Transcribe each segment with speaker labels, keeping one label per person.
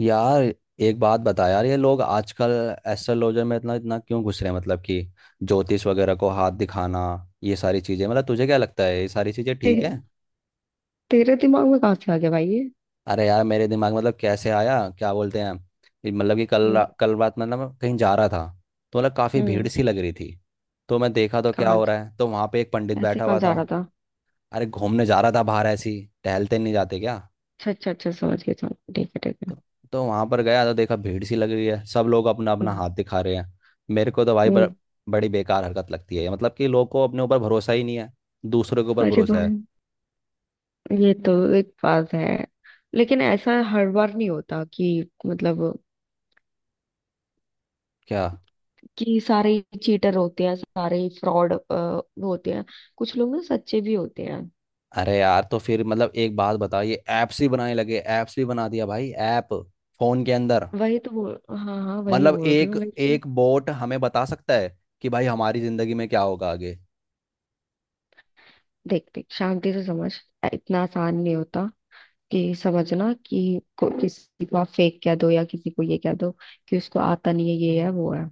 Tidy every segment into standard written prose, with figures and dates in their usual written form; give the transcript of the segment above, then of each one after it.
Speaker 1: यार, एक बात बता यार। ये लोग आजकल एस्ट्रोलॉजर में इतना इतना क्यों घुस रहे हैं? मतलब कि ज्योतिष वगैरह को हाथ दिखाना, ये सारी चीजें, मतलब तुझे क्या लगता है, ये सारी चीजें ठीक
Speaker 2: ते,
Speaker 1: है?
Speaker 2: तेरे दिमाग में कहाँ से आ गया भाई ये?
Speaker 1: अरे यार, मेरे दिमाग में मतलब कैसे आया, क्या बोलते हैं। ये मतलब कि
Speaker 2: हम्म।
Speaker 1: कल रात मतलब मैं कहीं जा रहा था। तो मतलब काफी भीड़
Speaker 2: हम्म,
Speaker 1: सी लग रही थी। तो मैं देखा तो क्या
Speaker 2: कहाँ
Speaker 1: हो रहा है, तो वहां पे एक पंडित
Speaker 2: ऐसे
Speaker 1: बैठा
Speaker 2: कहाँ
Speaker 1: हुआ
Speaker 2: जा
Speaker 1: था।
Speaker 2: रहा था?
Speaker 1: अरे, घूमने जा रहा था बाहर ऐसी। टहलते नहीं जाते क्या?
Speaker 2: अच्छा, अच्छा, अच्छा, समझ गया, समझ गया, ठीक है, ठीक है।
Speaker 1: तो, तो वहां पर गया तो देखा भीड़ सी लग रही है, सब लोग अपना अपना
Speaker 2: हम्म,
Speaker 1: हाथ दिखा रहे हैं। मेरे को तो भाई
Speaker 2: हम्म,
Speaker 1: बड़ी बेकार हरकत लगती है। मतलब कि लोग को अपने ऊपर भरोसा ही नहीं है, दूसरों के ऊपर
Speaker 2: अरे
Speaker 1: भरोसा
Speaker 2: भाई,
Speaker 1: है।
Speaker 2: ये तो एक बात है, लेकिन ऐसा हर बार नहीं होता कि मतलब
Speaker 1: क्या?
Speaker 2: कि सारे ही चीटर होते हैं, सारे ही फ्रॉड होते हैं। कुछ लोग ना सच्चे भी होते हैं।
Speaker 1: अरे यार, तो फिर मतलब एक बात बता, ये ऐप्स ही बनाने लगे, ऐप्स भी बना दिया भाई, ऐप फोन के अंदर।
Speaker 2: वही तो बोल, हाँ हाँ वही
Speaker 1: मतलब
Speaker 2: बोल रही
Speaker 1: एक
Speaker 2: हूँ, लेकिन
Speaker 1: एक बोट हमें बता सकता है कि भाई हमारी जिंदगी में क्या होगा आगे?
Speaker 2: देख देख शांति से समझ, इतना आसान नहीं होता कि समझना कि किसी को आप फेक कह दो या किसी को ये कह दो कि उसको आता नहीं है, ये है वो है।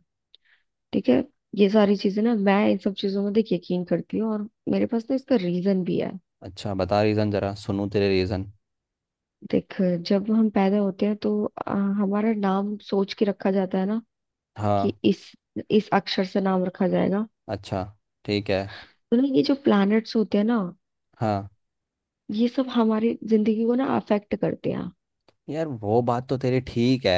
Speaker 2: ठीक है, ये सारी चीजें ना मैं इन सब चीजों में देख यकीन करती हूँ, और मेरे पास ना इसका रीजन भी है।
Speaker 1: अच्छा बता, रीजन जरा सुनूं तेरे रीजन।
Speaker 2: देख, जब हम पैदा होते हैं तो हमारा नाम सोच के रखा जाता है ना कि
Speaker 1: हाँ।
Speaker 2: इस अक्षर से नाम रखा जाएगा।
Speaker 1: अच्छा, ठीक है।
Speaker 2: तो ना ये जो प्लैनेट्स होते हैं ना,
Speaker 1: हाँ,
Speaker 2: ये सब हमारी जिंदगी को ना अफेक्ट करते हैं।
Speaker 1: यार वो बात तो तेरी ठीक है,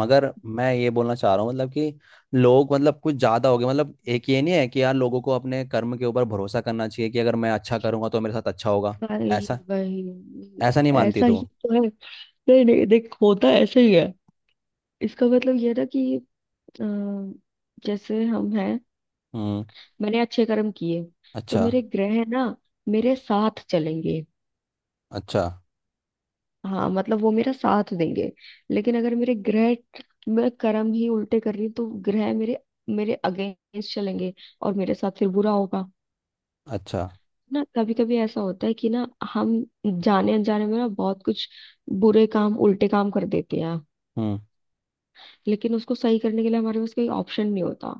Speaker 1: मगर मैं ये बोलना चाह रहा हूँ मतलब कि लोग मतलब कुछ ज्यादा हो गए। मतलब एक ये नहीं है कि यार, लोगों को अपने कर्म के ऊपर भरोसा करना चाहिए कि अगर मैं अच्छा करूंगा तो मेरे साथ अच्छा होगा।
Speaker 2: भाई
Speaker 1: ऐसा
Speaker 2: भाई,
Speaker 1: ऐसा नहीं मानती
Speaker 2: ऐसा
Speaker 1: तू?
Speaker 2: ही तो है। नहीं नहीं, देख होता ऐसा ही है। इसका मतलब यह था कि अ, जैसे हम हैं,
Speaker 1: हम्म।
Speaker 2: मैंने अच्छे कर्म किए, तो
Speaker 1: अच्छा
Speaker 2: मेरे ग्रह ना मेरे साथ चलेंगे,
Speaker 1: अच्छा
Speaker 2: हाँ मतलब वो मेरा साथ देंगे। लेकिन अगर मेरे ग्रह, मैं कर्म ही उल्टे कर रही हूँ, तो ग्रह मेरे मेरे अगेंस्ट चलेंगे, और मेरे साथ फिर बुरा होगा।
Speaker 1: अच्छा।
Speaker 2: ना, कभी कभी ऐसा होता है कि ना, हम जाने अनजाने में ना बहुत कुछ बुरे काम, उल्टे काम कर देते हैं,
Speaker 1: हम्म।
Speaker 2: लेकिन उसको सही करने के लिए हमारे पास कोई ऑप्शन नहीं होता।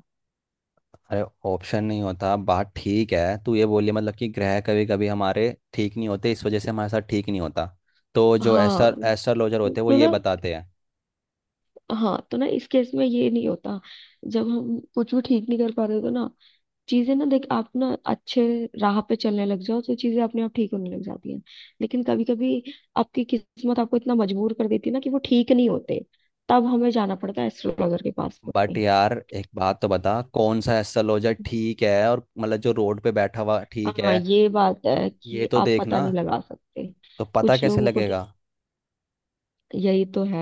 Speaker 1: अरे, ऑप्शन नहीं होता बात ठीक है, तू ये बोली मतलब कि ग्रह कभी कभी हमारे ठीक नहीं होते, इस वजह से हमारे साथ ठीक नहीं होता। तो जो
Speaker 2: हाँ
Speaker 1: एस्ट्रोलॉजर होते हैं, वो
Speaker 2: तो
Speaker 1: ये
Speaker 2: ना
Speaker 1: बताते हैं।
Speaker 2: हाँ तो ना इस केस में ये नहीं होता। जब हम कुछ भी ठीक नहीं कर पा रहे तो ना, चीजें ना, देख, आप ना अच्छे राह पे चलने लग जाओ तो चीजें अपने आप ठीक होने लग जाती हैं। लेकिन कभी कभी आपकी किस्मत आपको इतना मजबूर कर देती है ना कि वो ठीक नहीं होते। तब हमें जाना पड़ता है एस्ट्रोलॉजर के पास
Speaker 1: बट
Speaker 2: में।
Speaker 1: यार एक बात तो बता, कौन सा ऐसा लॉजर ठीक है और मतलब जो रोड पे बैठा हुआ ठीक
Speaker 2: हाँ,
Speaker 1: है,
Speaker 2: ये बात है
Speaker 1: ये
Speaker 2: कि
Speaker 1: तो
Speaker 2: आप पता
Speaker 1: देखना,
Speaker 2: नहीं लगा सकते।
Speaker 1: तो पता
Speaker 2: कुछ
Speaker 1: कैसे
Speaker 2: लोगों को तो,
Speaker 1: लगेगा?
Speaker 2: यही तो है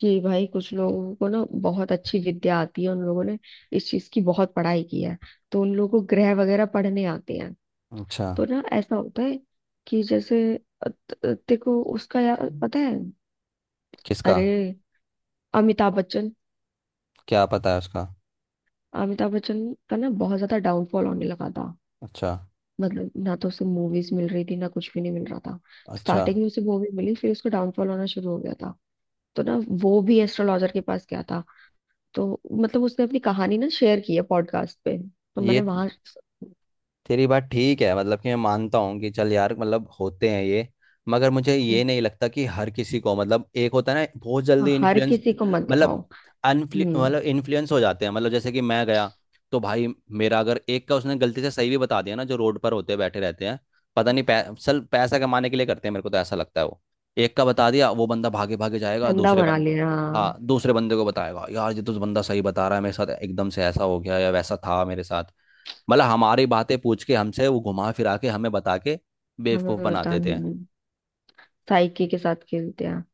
Speaker 2: कि भाई कुछ लोगों को ना बहुत अच्छी विद्या आती है। उन लोगों ने इस चीज की बहुत पढ़ाई की है, तो उन लोगों को ग्रह वगैरह पढ़ने आते हैं।
Speaker 1: अच्छा।
Speaker 2: तो ना ऐसा होता है कि जैसे देखो उसका यार पता है?
Speaker 1: किसका?
Speaker 2: अरे, अमिताभ बच्चन।
Speaker 1: क्या पता है उसका?
Speaker 2: अमिताभ बच्चन का ना बहुत ज्यादा डाउनफॉल होने लगा था।
Speaker 1: अच्छा
Speaker 2: मतलब ना तो उसे मूवीज मिल रही थी, ना कुछ भी नहीं मिल रहा था।
Speaker 1: अच्छा,
Speaker 2: स्टार्टिंग में उसे मूवी मिली, फिर उसका डाउनफॉल होना शुरू हो गया था। तो ना वो भी एस्ट्रोलॉजर के पास गया था। तो मतलब उसने अपनी कहानी ना शेयर की है पॉडकास्ट पे, तो मैंने
Speaker 1: ये
Speaker 2: वहां।
Speaker 1: तेरी बात ठीक है, मतलब कि मैं मानता हूँ कि चल यार, मतलब होते हैं ये, मगर मुझे ये नहीं लगता कि हर किसी को, मतलब एक होता है ना, बहुत जल्दी
Speaker 2: हर
Speaker 1: इन्फ्लुएंस।
Speaker 2: किसी को मत दिखाओ।
Speaker 1: मतलब अनफ्लु
Speaker 2: हम्म।
Speaker 1: मतलब इन्फ्लुएंस हो जाते हैं। मतलब जैसे कि मैं गया, तो भाई मेरा, अगर एक का उसने गलती से सही भी बता दिया ना, जो रोड पर होते बैठे रहते हैं, पता नहीं, पै, सल पैसा कमाने के लिए करते हैं, मेरे को तो ऐसा लगता है वो। एक का बता दिया, वो बंदा भागे भागे जाएगा
Speaker 2: धंधा
Speaker 1: दूसरे
Speaker 2: बना
Speaker 1: बंद।
Speaker 2: लेना।
Speaker 1: हाँ, दूसरे बंदे को बताएगा यार, ये तो बंदा सही बता रहा है, मेरे साथ एकदम से ऐसा हो गया या वैसा था मेरे साथ। मतलब हमारी बातें पूछ के हमसे, वो घुमा फिरा के हमें बता के
Speaker 2: हमें
Speaker 1: बेवकूफ बना
Speaker 2: बता
Speaker 1: देते हैं।
Speaker 2: साइकी के साथ खेलते हैं।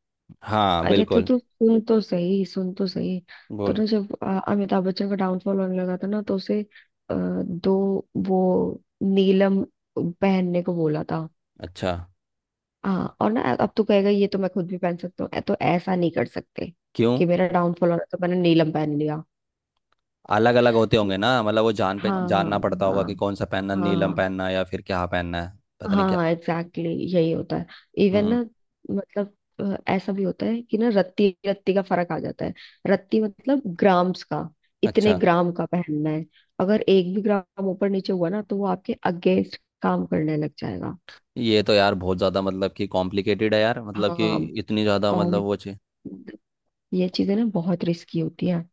Speaker 1: हाँ,
Speaker 2: अरे तो
Speaker 1: बिल्कुल।
Speaker 2: तू सुन तो सही, सुन तो सही। तो
Speaker 1: बोल।
Speaker 2: ना, जब अमिताभ बच्चन का डाउनफॉल होने लगा था ना, तो उसे अ, दो वो नीलम पहनने को बोला था।
Speaker 1: अच्छा।
Speaker 2: हाँ, और ना अब तो कहेगा ये तो मैं खुद भी पहन सकता हूँ। तो ऐसा नहीं कर सकते
Speaker 1: क्यों,
Speaker 2: कि मेरा डाउनफॉल हो रहा है, तो मैंने नीलम पहन लिया।
Speaker 1: अलग अलग होते होंगे ना? मतलब वो जान पे
Speaker 2: हाँ,
Speaker 1: जानना पड़ता होगा कि
Speaker 2: हाँ,
Speaker 1: कौन सा पहनना, नीलम
Speaker 2: हाँ,
Speaker 1: पहनना है या फिर क्या पहनना है, पता नहीं क्या।
Speaker 2: हाँ एग्जैक्टली, यही होता है। इवन
Speaker 1: हम्म।
Speaker 2: ना, मतलब ऐसा भी होता है कि ना रत्ती रत्ती का फर्क आ जाता है। रत्ती मतलब ग्राम्स का, इतने
Speaker 1: अच्छा।
Speaker 2: ग्राम का पहनना है। अगर एक भी ग्राम ऊपर नीचे हुआ ना, तो वो आपके अगेंस्ट काम करने लग जाएगा।
Speaker 1: ये तो यार बहुत ज्यादा मतलब कि कॉम्प्लिकेटेड है यार, मतलब कि
Speaker 2: हाँ।
Speaker 1: इतनी ज्यादा
Speaker 2: कॉम
Speaker 1: मतलब वो चीज।
Speaker 2: ये चीजें ना बहुत रिस्की होती है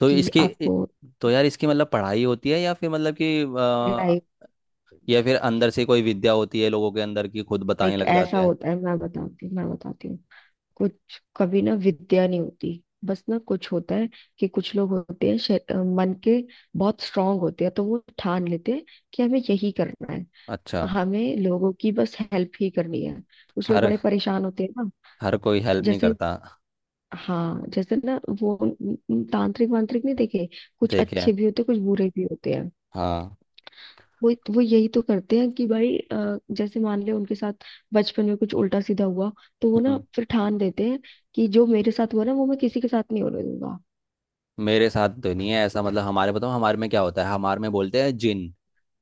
Speaker 1: तो
Speaker 2: कि
Speaker 1: इसकी इ-
Speaker 2: आपको।
Speaker 1: तो यार इसकी मतलब पढ़ाई होती है या फिर मतलब कि
Speaker 2: पढ़ाई,
Speaker 1: या फिर अंदर से कोई विद्या होती है लोगों के अंदर की, खुद बताने
Speaker 2: एक
Speaker 1: लग
Speaker 2: ऐसा
Speaker 1: जाते हैं?
Speaker 2: होता है, मैं बताती हूँ, मैं बताती हूँ। कुछ कभी ना विद्या नहीं होती, बस ना कुछ होता है कि कुछ लोग होते हैं मन के बहुत स्ट्रांग होते हैं, तो वो ठान लेते हैं कि हमें यही करना है,
Speaker 1: अच्छा।
Speaker 2: हमें लोगों की बस हेल्प ही करनी है। कुछ लोग
Speaker 1: हर
Speaker 2: बड़े परेशान होते हैं ना,
Speaker 1: हर कोई हेल्प नहीं
Speaker 2: जैसे,
Speaker 1: करता।
Speaker 2: हाँ, जैसे ना वो तांत्रिक वांत्रिक नहीं देखे? कुछ
Speaker 1: देखे हैं।
Speaker 2: अच्छे भी होते हैं, कुछ बुरे भी होते हैं।
Speaker 1: हाँ।
Speaker 2: वो यही तो करते हैं कि भाई जैसे मान ले उनके साथ बचपन में कुछ उल्टा सीधा हुआ, तो वो ना
Speaker 1: हम्म।
Speaker 2: फिर ठान देते हैं कि जो मेरे साथ हुआ ना, वो मैं किसी के साथ नहीं होने दूंगा।
Speaker 1: मेरे साथ तो नहीं है ऐसा। मतलब हमारे, बताओ हमारे में क्या होता है, हमारे में बोलते हैं जिन।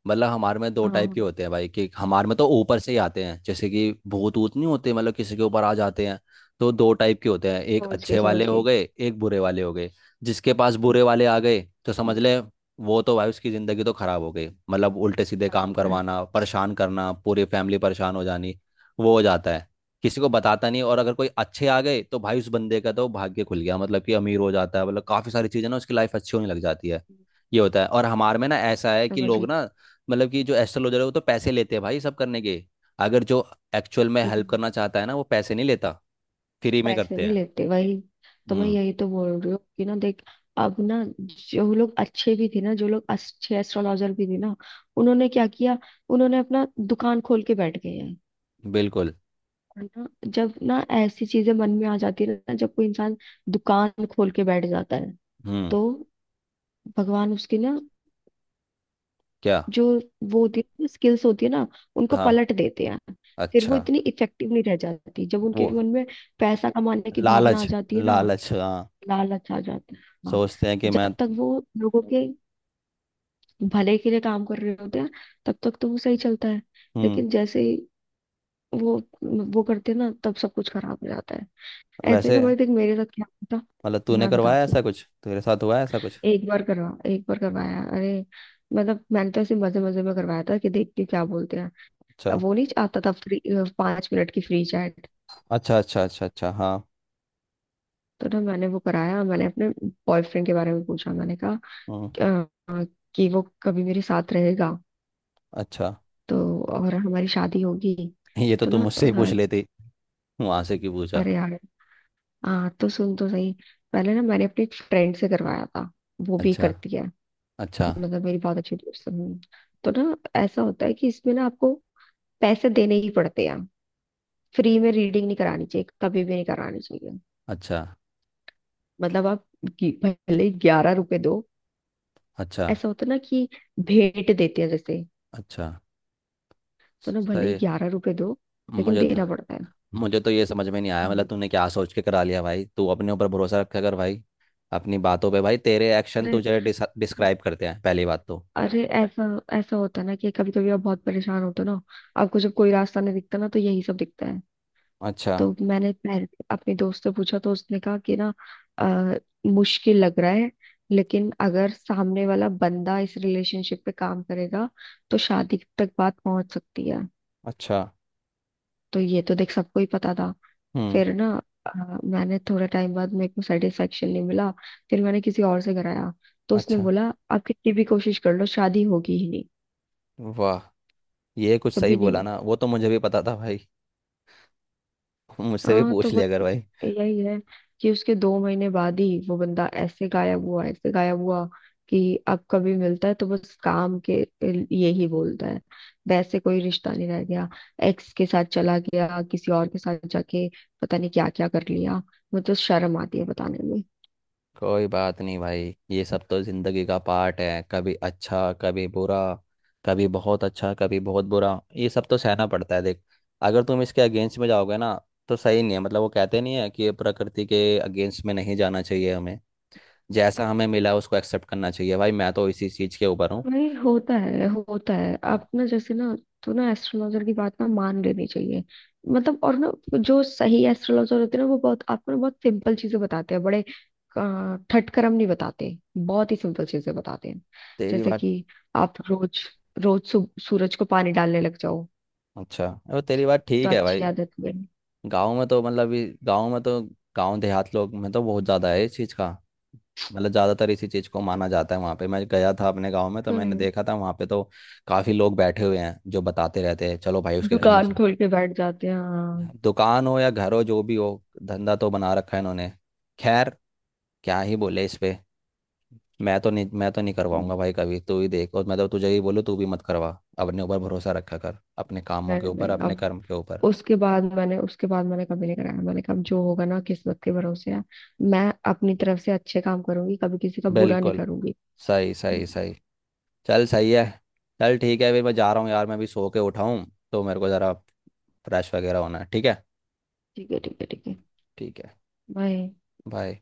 Speaker 1: मतलब हमारे में दो टाइप के
Speaker 2: हाँ,
Speaker 1: होते हैं भाई, कि हमारे में तो ऊपर से ही आते हैं, जैसे कि भूत ऊत नहीं होते, मतलब किसी के ऊपर आ जाते हैं। तो दो टाइप के होते हैं, एक
Speaker 2: समझ
Speaker 1: अच्छे
Speaker 2: गई,
Speaker 1: वाले
Speaker 2: समझ
Speaker 1: हो
Speaker 2: गई।
Speaker 1: गए, एक बुरे वाले हो गए। जिसके पास
Speaker 2: हम्म,
Speaker 1: बुरे वाले आ गए तो समझ
Speaker 2: हम्म,
Speaker 1: ले, वो तो भाई, उसकी ज़िंदगी तो खराब हो गई, मतलब उल्टे सीधे
Speaker 2: बात
Speaker 1: काम
Speaker 2: में है।
Speaker 1: करवाना, परेशान करना, पूरी फैमिली परेशान हो जानी। वो हो जाता है, किसी को बताता नहीं। और अगर कोई अच्छे आ गए तो भाई उस बंदे का तो भाग्य खुल गया, मतलब कि अमीर हो जाता है, मतलब काफ़ी सारी चीज़ें ना, उसकी लाइफ अच्छी होने लग जाती है। ये होता है। और हमारे में ना ऐसा है कि
Speaker 2: समझ
Speaker 1: लोग
Speaker 2: गई।
Speaker 1: ना, मतलब कि जो एस्ट्रोलॉजर है वो तो पैसे लेते हैं भाई सब करने के। अगर जो एक्चुअल में हेल्प
Speaker 2: हम्म,
Speaker 1: करना चाहता है ना, वो पैसे नहीं लेता,
Speaker 2: वो
Speaker 1: फ्री में
Speaker 2: पैसे
Speaker 1: करते
Speaker 2: नहीं
Speaker 1: हैं।
Speaker 2: लेते, वही तो मैं
Speaker 1: हम्म।
Speaker 2: यही तो बोल रही हूँ कि ना, देख, अब ना जो लोग अच्छे भी थे ना, जो लोग अच्छे एस्ट्रोलॉजर भी थे ना, उन्होंने क्या किया, उन्होंने अपना दुकान खोल के बैठ गए हैं।
Speaker 1: बिल्कुल।
Speaker 2: है ना, जब ना ऐसी चीजें मन में आ जाती है ना, जब कोई इंसान दुकान खोल के बैठ जाता है,
Speaker 1: हम्म।
Speaker 2: तो भगवान उसकी ना,
Speaker 1: क्या?
Speaker 2: जो वो होती है, स्किल्स होती है ना, उनको
Speaker 1: हाँ।
Speaker 2: पलट देते हैं। फिर वो
Speaker 1: अच्छा।
Speaker 2: इतनी इफेक्टिव नहीं रह जाती, जब उनके
Speaker 1: वो,
Speaker 2: मन में पैसा कमाने की
Speaker 1: लालच।
Speaker 2: भावना आ जाती है ना,
Speaker 1: लालच, हाँ।
Speaker 2: लालच आ जाता है, हाँ।
Speaker 1: सोचते हैं कि मैं।
Speaker 2: जब तक वो लोगों के भले के लिए काम कर रहे होते हैं, तब तक तो वो सही चलता है।
Speaker 1: हम्म।
Speaker 2: लेकिन जैसे ही वो वो करते हैं ना, तब सब कुछ खराब हो जाता है। ऐसे
Speaker 1: वैसे,
Speaker 2: ना भाई, देख मेरे साथ क्या हुआ था,
Speaker 1: मतलब तूने
Speaker 2: मैं
Speaker 1: करवाया,
Speaker 2: बताती हूँ।
Speaker 1: ऐसा कुछ तेरे साथ हुआ है ऐसा कुछ?
Speaker 2: एक बार करवाया, अरे मतलब मैंने तो ऐसे मजे मजे में करवाया था कि देखती हूँ क्या बोलते हैं।
Speaker 1: अच्छा
Speaker 2: अब वो नहीं आता था फ्री, 5 मिनट की फ्री चैट।
Speaker 1: अच्छा अच्छा अच्छा अच्छा। हाँ।
Speaker 2: तो ना मैंने वो कराया, मैंने अपने बॉयफ्रेंड के बारे में पूछा, मैंने कहा
Speaker 1: हम्म।
Speaker 2: "अ, कि वो कभी मेरे साथ रहेगा
Speaker 1: अच्छा।
Speaker 2: तो, और हमारी शादी होगी?
Speaker 1: ये तो
Speaker 2: तो
Speaker 1: तुम
Speaker 2: ना
Speaker 1: मुझसे ही पूछ लेती, वहां से क्यों पूछा?
Speaker 2: अरे यार, हाँ तो सुन तो सही, पहले ना मैंने अपनी फ्रेंड से करवाया था, वो भी
Speaker 1: अच्छा
Speaker 2: करती है,
Speaker 1: अच्छा
Speaker 2: मतलब मेरी बहुत अच्छी दोस्त है। हम्म। तो ना ऐसा होता है कि इसमें ना आपको पैसे देने ही पड़ते हैं, फ्री में रीडिंग नहीं करानी चाहिए, कभी भी नहीं करानी चाहिए।
Speaker 1: अच्छा अच्छा
Speaker 2: मतलब आप भले ही 11 रुपए दो,
Speaker 1: अच्छा
Speaker 2: ऐसा होता है ना कि भेंट देते हैं जैसे,
Speaker 1: अच्छा।
Speaker 2: तो ना भले ही
Speaker 1: सही।
Speaker 2: ग्यारह रुपए दो, लेकिन
Speaker 1: मुझे
Speaker 2: देना पड़ता है।
Speaker 1: मुझे तो ये समझ में नहीं आया, मतलब
Speaker 2: हम्म।
Speaker 1: तूने क्या सोच के करा लिया भाई? तू अपने ऊपर भरोसा रखा कर भाई, अपनी बातों पे भाई, तेरे एक्शन
Speaker 2: अरे,
Speaker 1: तुझे डिस्क्राइब करते हैं, पहली बात तो।
Speaker 2: अरे, ऐसा ऐसा होता है ना कि कभी कभी आप बहुत परेशान होते हो ना, आपको जब कोई रास्ता नहीं दिखता ना, तो यही सब दिखता है।
Speaker 1: अच्छा
Speaker 2: तो मैंने पहले अपने दोस्त से पूछा, तो उसने कहा कि ना, आ, मुश्किल लग रहा है, लेकिन अगर सामने वाला बंदा इस रिलेशनशिप पे काम करेगा, तो शादी तक बात पहुंच सकती है।
Speaker 1: अच्छा।
Speaker 2: तो ये तो देख सबको ही पता था।
Speaker 1: हम्म।
Speaker 2: फिर ना, मैंने थोड़ा टाइम बाद मेरे को सेटिस्फेक्शन नहीं मिला, फिर मैंने किसी और से कराया, तो उसने
Speaker 1: अच्छा।
Speaker 2: बोला आप कितनी भी कोशिश कर लो, शादी होगी ही नहीं,
Speaker 1: वाह, ये कुछ सही
Speaker 2: कभी नहीं।
Speaker 1: बोला ना, वो तो मुझे भी पता था भाई। मुझसे भी
Speaker 2: हाँ तो
Speaker 1: पूछ लिया कर
Speaker 2: बस,
Speaker 1: भाई।
Speaker 2: यही है कि उसके 2 महीने बाद ही वो बंदा ऐसे गायब हुआ, ऐसे गायब हुआ कि अब कभी मिलता है तो बस काम के, यही बोलता है, वैसे कोई रिश्ता नहीं रह गया। एक्स के साथ चला गया, किसी और के साथ जाके पता नहीं क्या क्या कर लिया, मुझे तो शर्म आती है बताने।
Speaker 1: कोई बात नहीं भाई, ये सब तो जिंदगी का पार्ट है, कभी अच्छा कभी बुरा, कभी बहुत अच्छा कभी बहुत बुरा, ये सब तो सहना पड़ता है देख। अगर तुम इसके अगेंस्ट में जाओगे ना, तो सही नहीं है। मतलब वो कहते नहीं है कि ये प्रकृति के अगेंस्ट में नहीं जाना चाहिए हमें? जैसा हमें मिला उसको एक्सेप्ट करना चाहिए भाई, मैं तो इसी चीज के ऊपर हूँ।
Speaker 2: वही होता है, होता है, आप ना, जैसे ना, तो ना एस्ट्रोलॉजर की बात ना मान लेनी चाहिए। मतलब, और ना जो सही एस्ट्रोलॉजर होते हैं ना, वो बहुत आपको ना बहुत सिंपल चीजें बताते हैं, बड़े ठटकरम नहीं बताते, बहुत ही सिंपल चीजें बताते हैं।
Speaker 1: तेरी
Speaker 2: जैसे
Speaker 1: बात
Speaker 2: कि आप रोज रोज सूरज को पानी डालने लग जाओ।
Speaker 1: अच्छा, वो तेरी बात
Speaker 2: ये तो
Speaker 1: ठीक है
Speaker 2: अच्छी
Speaker 1: भाई।
Speaker 2: आदत बनी,
Speaker 1: गाँव में तो गाँव में तो गाँव देहात लोग में तो बहुत ज़्यादा है इस चीज़ का। मतलब ज़्यादातर इसी चीज़ को माना जाता है, वहाँ पे मैं गया था अपने गाँव में, तो
Speaker 2: तो
Speaker 1: मैंने
Speaker 2: है।
Speaker 1: देखा था वहाँ पे तो काफ़ी लोग बैठे हुए हैं जो बताते रहते हैं, चलो भाई उसके घर में
Speaker 2: दुकान
Speaker 1: चल।
Speaker 2: खोल के बैठ जाते हैं, हाँ।
Speaker 1: दुकान हो या घर हो जो भी हो, धंधा तो बना रखा है इन्होंने। खैर, क्या ही बोले इस पे। मैं तो नहीं, मैं तो नहीं करवाऊंगा भाई कभी, तू ही देख, और मैं तो तुझे ही बोलूँ, तू भी मत करवा, अपने ऊपर भरोसा रखा कर, अपने कामों के
Speaker 2: नहीं
Speaker 1: ऊपर,
Speaker 2: नहीं,
Speaker 1: अपने
Speaker 2: अब
Speaker 1: कर्म के ऊपर।
Speaker 2: उसके बाद मैंने कभी नहीं कराया, मैंने कहा अब जो होगा ना किस्मत के भरोसे है, मैं अपनी तरफ से अच्छे काम करूंगी, कभी किसी का बुरा नहीं
Speaker 1: बिल्कुल।
Speaker 2: करूंगी।
Speaker 1: सही सही
Speaker 2: ठीक
Speaker 1: सही। चल, सही है। चल ठीक है, फिर मैं जा रहा हूँ यार, मैं अभी सो के उठा हूँ, तो मेरे को ज़रा फ्रेश वगैरह होना है। ठीक है?
Speaker 2: है, ठीक है, ठीक है,
Speaker 1: ठीक है।
Speaker 2: बाय।
Speaker 1: बाय।